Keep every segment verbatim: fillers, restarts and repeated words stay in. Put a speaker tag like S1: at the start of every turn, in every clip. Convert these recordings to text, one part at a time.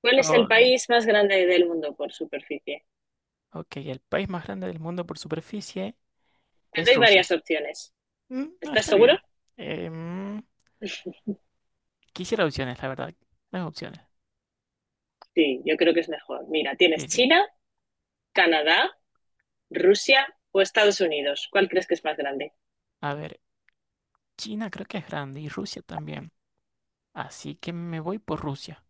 S1: ¿Cuál es el
S2: Hola.
S1: país más grande del mundo por superficie?
S2: Ok, el país más grande del mundo por superficie
S1: Te
S2: es
S1: doy varias
S2: Rusia.
S1: opciones.
S2: Mm, no,
S1: ¿Estás
S2: está
S1: seguro?
S2: bien. Em, quisiera opciones, la verdad. Las opciones.
S1: Sí, yo creo que es mejor. Mira,
S2: Sí,
S1: tienes
S2: sí.
S1: China, Canadá, Rusia o Estados Unidos. ¿Cuál crees que es más grande?
S2: A ver, China creo que es grande y Rusia también. Así que me voy por Rusia.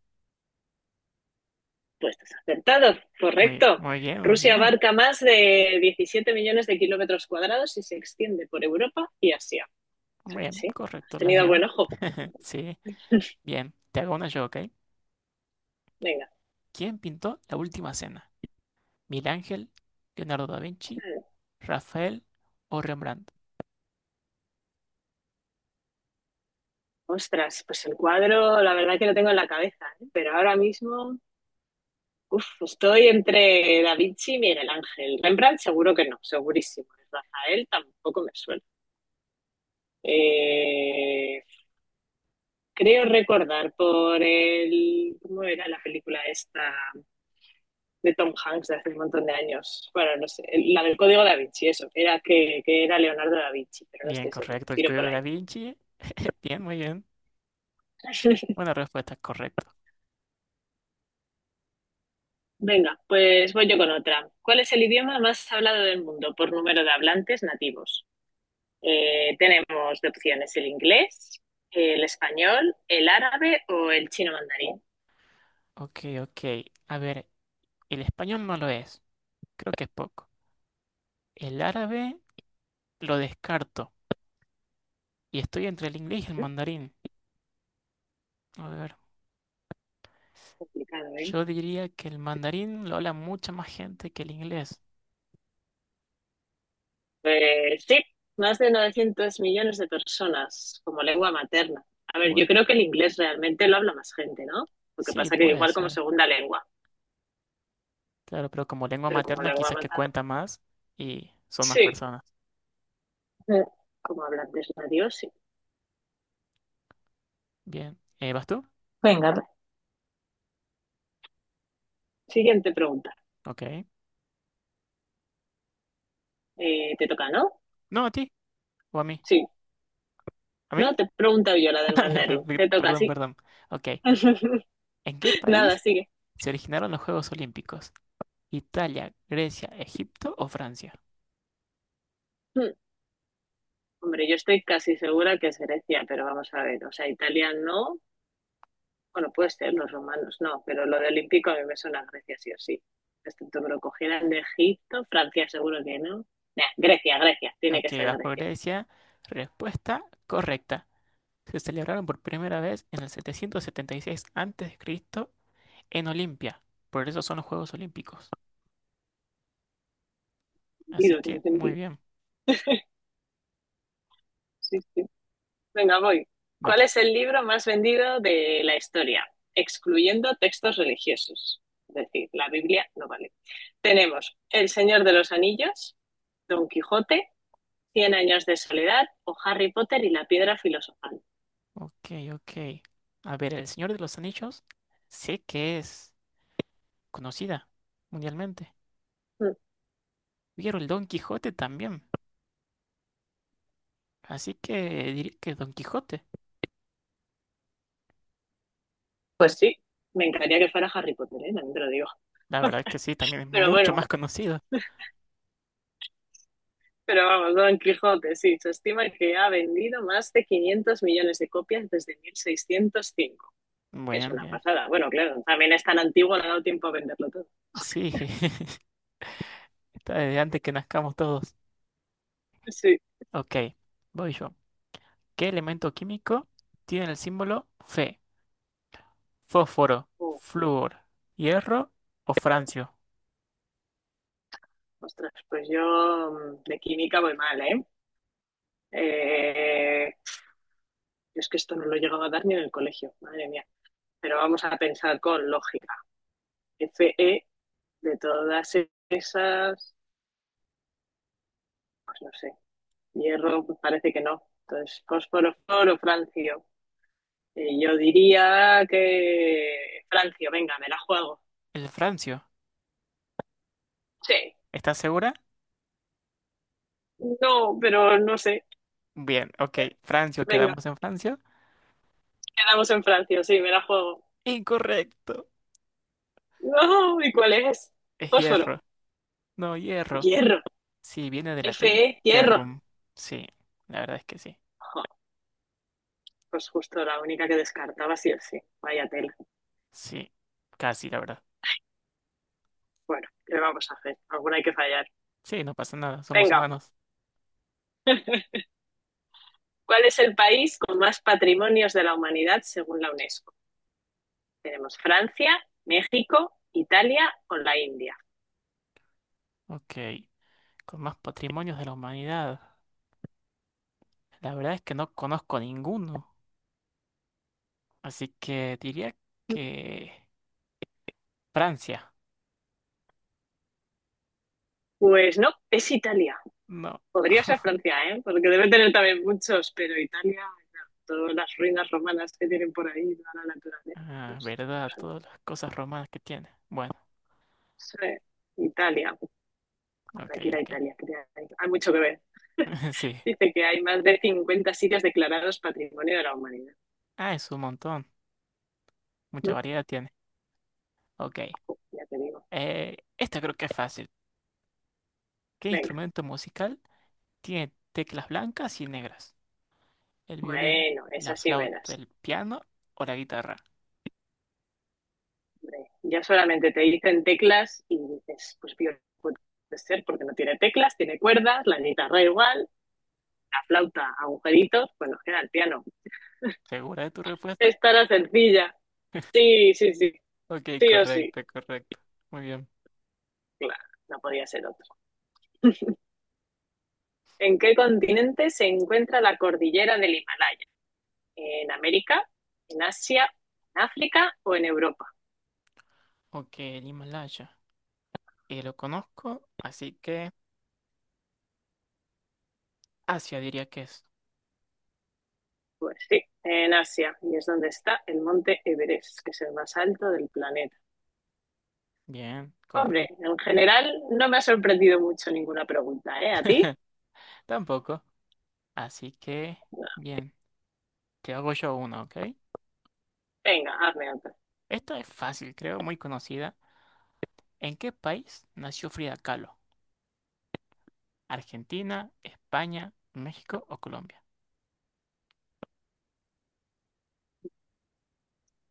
S1: Pues estás acertado,
S2: Muy,
S1: correcto.
S2: muy bien, muy
S1: Rusia
S2: bien.
S1: abarca más de diecisiete millones de kilómetros cuadrados y se extiende por Europa y Asia. O sea
S2: Muy
S1: que
S2: bien,
S1: sí, has
S2: correcto, la
S1: tenido
S2: bien.
S1: buen ojo.
S2: Sí, bien. Te hago una yo, ¿ok?
S1: Venga.
S2: ¿Quién pintó La Última Cena? ¿Milángel, Leonardo da Vinci, Rafael o Rembrandt?
S1: Ostras, pues el cuadro, la verdad que lo tengo en la cabeza, ¿eh? Pero ahora mismo. Uf, estoy entre Da Vinci y Miguel Ángel. Rembrandt seguro que no, segurísimo. Rafael tampoco me suena. Eh, Creo recordar por el... ¿Cómo era la película esta de Tom Hanks de hace un montón de años? Bueno, no sé, la del Código Da Vinci, eso. Era que, que era Leonardo Da Vinci, pero no
S2: Bien,
S1: estoy seguro.
S2: correcto, el
S1: Tiro por
S2: código da
S1: ahí.
S2: Vinci. Bien, muy bien. Una respuesta correcta.
S1: Venga, pues voy yo con otra. ¿Cuál es el idioma más hablado del mundo por número de hablantes nativos? Eh, tenemos de opciones el inglés, el español, el árabe o el chino mandarín.
S2: Ok, ok. A ver, el español no lo es. Creo que es poco. El árabe lo descarto. Y estoy entre el inglés y el
S1: ¿Eh?
S2: mandarín. A ver,
S1: Complicado, ¿eh?
S2: yo diría que el mandarín lo habla mucha más gente que el inglés.
S1: Pues sí, más de novecientos millones de personas como lengua materna. A ver, yo
S2: Uy,
S1: creo que el inglés realmente lo habla más gente, ¿no? Lo que
S2: sí,
S1: pasa que
S2: puede
S1: igual como
S2: ser.
S1: segunda lengua,
S2: Claro, pero como lengua
S1: pero como
S2: materna
S1: lengua
S2: quizás que
S1: materna.
S2: cuenta más y son más
S1: Sí,
S2: personas.
S1: Eh, como hablantes nativos, sí.
S2: Bien. Eh, ¿vas tú?
S1: Venga, siguiente pregunta.
S2: Ok.
S1: Eh, ¿te toca, no?
S2: No, a ti. ¿O a mí?
S1: Sí.
S2: ¿A mí?
S1: No, te pregunto yo la del
S2: Me- me-
S1: mandarín.
S2: me-
S1: Te toca,
S2: Perdón,
S1: sí.
S2: perdón. Ok. ¿En qué
S1: Nada,
S2: país
S1: sigue.
S2: se originaron los Juegos Olímpicos? Italia, Grecia, Egipto o Francia.
S1: Hmm. Hombre, yo estoy casi segura que es Grecia, pero vamos a ver, o sea, Italia no, bueno, puede ser, los romanos no, pero lo de olímpico a mí me suena a Grecia sí o sí. Excepto que lo cogieran de Egipto, Francia seguro que no. Nah, Grecia, Grecia, tiene
S2: Ok,
S1: que ser
S2: vas por
S1: Grecia.
S2: Grecia. Respuesta correcta. Se celebraron por primera vez en el setecientos setenta y seis antes de Cristo en Olimpia. Por eso son los Juegos Olímpicos. Así
S1: Sentido,
S2: que
S1: tiene
S2: muy
S1: sentido.
S2: bien,
S1: Sí, sí. Venga, voy. ¿Cuál
S2: vas.
S1: es el libro más vendido de la historia? Excluyendo textos religiosos. Es decir, la Biblia no vale. Tenemos El Señor de los Anillos, Don Quijote, Cien años de soledad o Harry Potter y la piedra filosofal.
S2: Ok, ok. A ver, El Señor de los Anillos sé que es conocida mundialmente.
S1: Mm,
S2: Vieron el Don Quijote también. Así que diré que Don Quijote.
S1: Pues sí, me encantaría que fuera Harry Potter, ¿eh? También te lo digo.
S2: La verdad es que sí, también es
S1: Pero
S2: mucho
S1: bueno,
S2: más conocido.
S1: pero vamos, Don Quijote, sí, se estima que ha vendido más de quinientos millones de copias desde mil seiscientos cinco, que es
S2: Bien,
S1: una
S2: bien.
S1: pasada. Bueno, claro, también es tan antiguo, no ha dado tiempo a venderlo todo.
S2: Sí. Desde antes que nazcamos todos.
S1: Sí.
S2: Ok, voy yo. ¿Qué elemento químico tiene el símbolo Fe? ¿Fósforo,
S1: Uh,
S2: flúor, hierro o francio?
S1: Ostras, pues yo mm, de química voy mal, ¿eh? Eh, yo es que esto no lo he llegado a dar ni en el colegio, madre mía. Pero vamos a pensar con lógica. Fe de todas esas, pues no sé, hierro pues parece que no. Entonces, fósforo, fósforo, francio. Y yo diría que francio, venga, me la juego.
S2: El francio.
S1: Sí.
S2: ¿Estás segura?
S1: No, pero no sé.
S2: Bien, ok. Francio,
S1: Venga,
S2: quedamos en francio.
S1: quedamos en francio, sí, me la juego.
S2: Incorrecto.
S1: No, ¿y cuál es?
S2: Es
S1: Fósforo,
S2: hierro. No, hierro.
S1: hierro,
S2: Sí, viene del latín
S1: F E, hierro.
S2: ferrum. Sí, la verdad es que sí.
S1: Jo, pues justo la única que descartaba sí o sí. Vaya tela.
S2: Sí, casi, la verdad.
S1: Bueno, ¿qué vamos a hacer? Alguna hay que fallar.
S2: Sí, no pasa nada, somos
S1: Venga.
S2: humanos.
S1: ¿Cuál es el país con más patrimonios de la humanidad según la UNESCO? Tenemos Francia, México, Italia o la India.
S2: Ok, con más patrimonios de la humanidad. La verdad es que no conozco ninguno. Así que diría que Francia.
S1: Pues no, es Italia.
S2: No.
S1: Podría ser Francia, ¿eh? Porque debe tener también muchos, pero Italia, no, todas las ruinas romanas que tienen por ahí, toda la naturaleza. No
S2: Ah,
S1: sé,
S2: verdad,
S1: no
S2: todas las cosas romanas que tiene. Bueno,
S1: sé. Italia,
S2: ok,
S1: para que ir a
S2: ok.
S1: Italia, quería ir. Hay mucho que ver.
S2: Sí.
S1: Dice que hay más de cincuenta sitios declarados Patrimonio de la Humanidad.
S2: Ah, es un montón. Mucha variedad tiene. Ok.
S1: Ya te digo.
S2: Eh, esta creo que es fácil. ¿Qué
S1: Venga,
S2: instrumento musical tiene teclas blancas y negras? ¿El violín,
S1: bueno, esa
S2: la
S1: sí me la
S2: flauta,
S1: sé.
S2: el piano o la guitarra?
S1: Ya solamente te dicen teclas y dices, pues bien, puede ser porque no tiene teclas, tiene cuerdas, la guitarra igual, la flauta, agujeritos, pues nos queda el piano.
S2: ¿Segura de tu respuesta?
S1: Estará sencilla. Sí, sí, sí,
S2: Ok,
S1: sí o sí.
S2: correcto, correcto. Muy bien.
S1: Claro, no podía ser otro. ¿En qué continente se encuentra la cordillera del Himalaya? ¿En América? ¿En Asia? ¿En África o en Europa?
S2: Ok, el Himalaya. Eh, lo conozco, así que Asia diría que es.
S1: Pues sí, en Asia, y es donde está el monte Everest, que es el más alto del planeta.
S2: Bien,
S1: Hombre,
S2: correcto.
S1: en general no me ha sorprendido mucho ninguna pregunta, ¿eh? ¿A ti?
S2: Tampoco. Así que,
S1: No.
S2: bien, te hago yo una, ¿ok?
S1: Venga, hazme otra.
S2: Esta es fácil, creo, muy conocida. ¿En qué país nació Frida Kahlo? ¿Argentina, España, México o Colombia?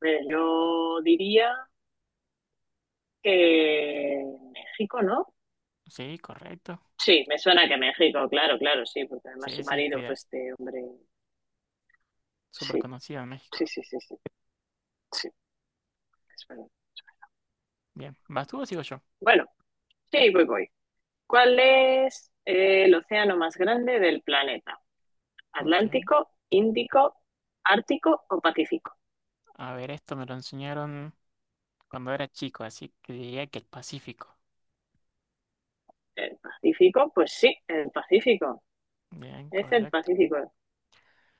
S1: Mira, yo diría que México, ¿no?
S2: Sí, correcto.
S1: Sí, me suena que México, claro, claro, sí, porque además
S2: Sí,
S1: su
S2: sí,
S1: marido fue
S2: Frida,
S1: este hombre.
S2: súper
S1: Sí,
S2: conocida en México.
S1: sí, sí, sí, sí, sí, es verdad.
S2: Bien, ¿vas tú o sigo yo?
S1: Bueno, sí, voy, voy. ¿Cuál es eh, el océano más grande del planeta?
S2: Ok.
S1: ¿Atlántico, Índico, Ártico o Pacífico?
S2: A ver, esto me lo enseñaron cuando era chico, así que diría que el Pacífico.
S1: El Pacífico, pues sí, el Pacífico.
S2: Bien,
S1: Es el
S2: correcto.
S1: Pacífico.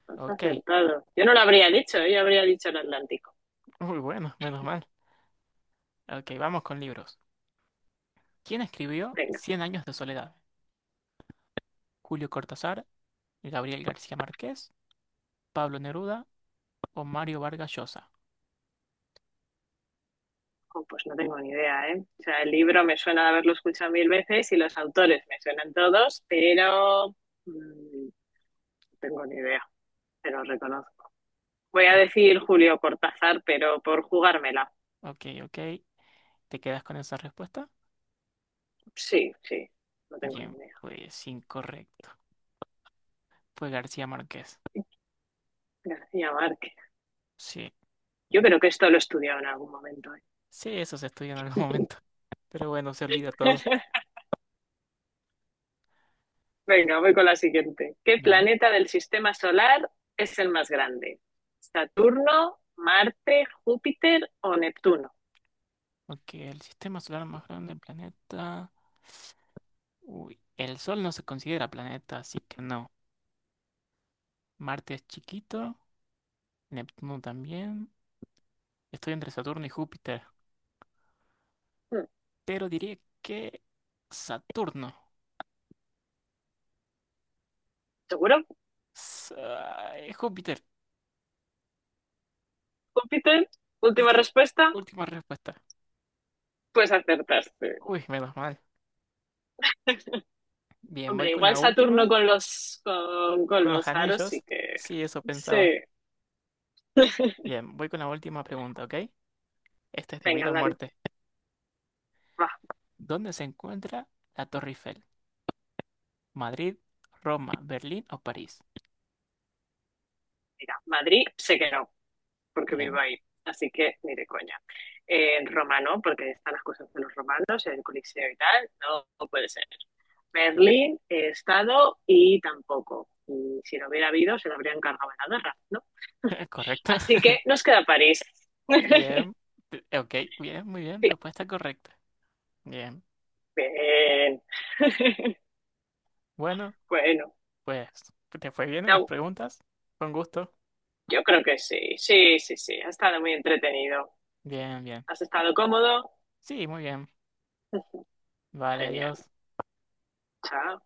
S1: Has
S2: Ok.
S1: acertado. Yo no lo habría dicho, ¿eh? Yo habría dicho el Atlántico.
S2: Muy bueno, menos mal. Ok, vamos con libros. ¿Quién escribió
S1: Venga,
S2: Cien años de soledad? ¿Julio Cortázar, Gabriel García Márquez, Pablo Neruda o Mario Vargas Llosa?
S1: oh, pues no tengo ni idea, ¿eh? O sea, el libro me suena de haberlo escuchado mil veces y los autores me suenan todos, pero mm, no tengo ni idea, pero reconozco. Voy a
S2: O-
S1: decir Julio Cortázar, pero por jugármela.
S2: ok, ok. ¿Te quedas con esa respuesta?
S1: Sí, sí, no tengo ni
S2: Bien,
S1: idea.
S2: pues incorrecto. Fue García Márquez.
S1: García Márquez.
S2: Sí,
S1: Yo creo que esto lo he estudiado en algún momento, ¿eh?
S2: sí, eso se estudia en algún momento. Pero bueno, se olvida todo.
S1: Venga, voy con la siguiente. ¿Qué
S2: Bien.
S1: planeta del sistema solar es el más grande? ¿Saturno, Marte, Júpiter o Neptuno?
S2: Ok, el sistema solar más grande del planeta. Uy, el Sol no se considera planeta, así que no. Marte es chiquito, Neptuno también. Estoy entre Saturno y Júpiter,
S1: Hmm,
S2: pero diría que Saturno.
S1: ¿Seguro?
S2: Sa- eh, Júpiter.
S1: ¿Júpiter? Última
S2: Sí,
S1: respuesta.
S2: última respuesta.
S1: Pues acertaste.
S2: Uy, menos mal. Bien, voy
S1: Hombre,
S2: con
S1: igual
S2: la
S1: Saturno
S2: última,
S1: con los con, con
S2: con los
S1: los aros sí
S2: anillos.
S1: que.
S2: Sí, eso
S1: Sí.
S2: pensaba. Bien, voy con la última pregunta, ¿ok? Esta es de
S1: Venga,
S2: vida o
S1: dale.
S2: muerte.
S1: Va.
S2: ¿Dónde se encuentra la Torre Eiffel? ¿Madrid, Roma, Berlín o París?
S1: Mira, Madrid sé que no, porque
S2: Bien,
S1: Bilbao, ahí. Así que ni de coña. Eh, Roma no, porque están las cosas de los romanos, el Coliseo y tal, no, no puede ser. Berlín he estado y tampoco. Y si lo hubiera habido, se lo habrían cargado en la guerra, ¿no?
S2: correcto.
S1: Así que nos queda París.
S2: Bien, te- ok, bien, muy bien,
S1: Sí,
S2: respuesta correcta. Bien,
S1: bien.
S2: bueno,
S1: Bueno,
S2: pues te fue bien en las
S1: no,
S2: preguntas. Con gusto.
S1: yo creo que sí, sí, sí, sí. Ha estado muy entretenido.
S2: Bien, bien.
S1: Has estado cómodo.
S2: Sí, muy bien. Vale, adiós.
S1: Genial. Chao.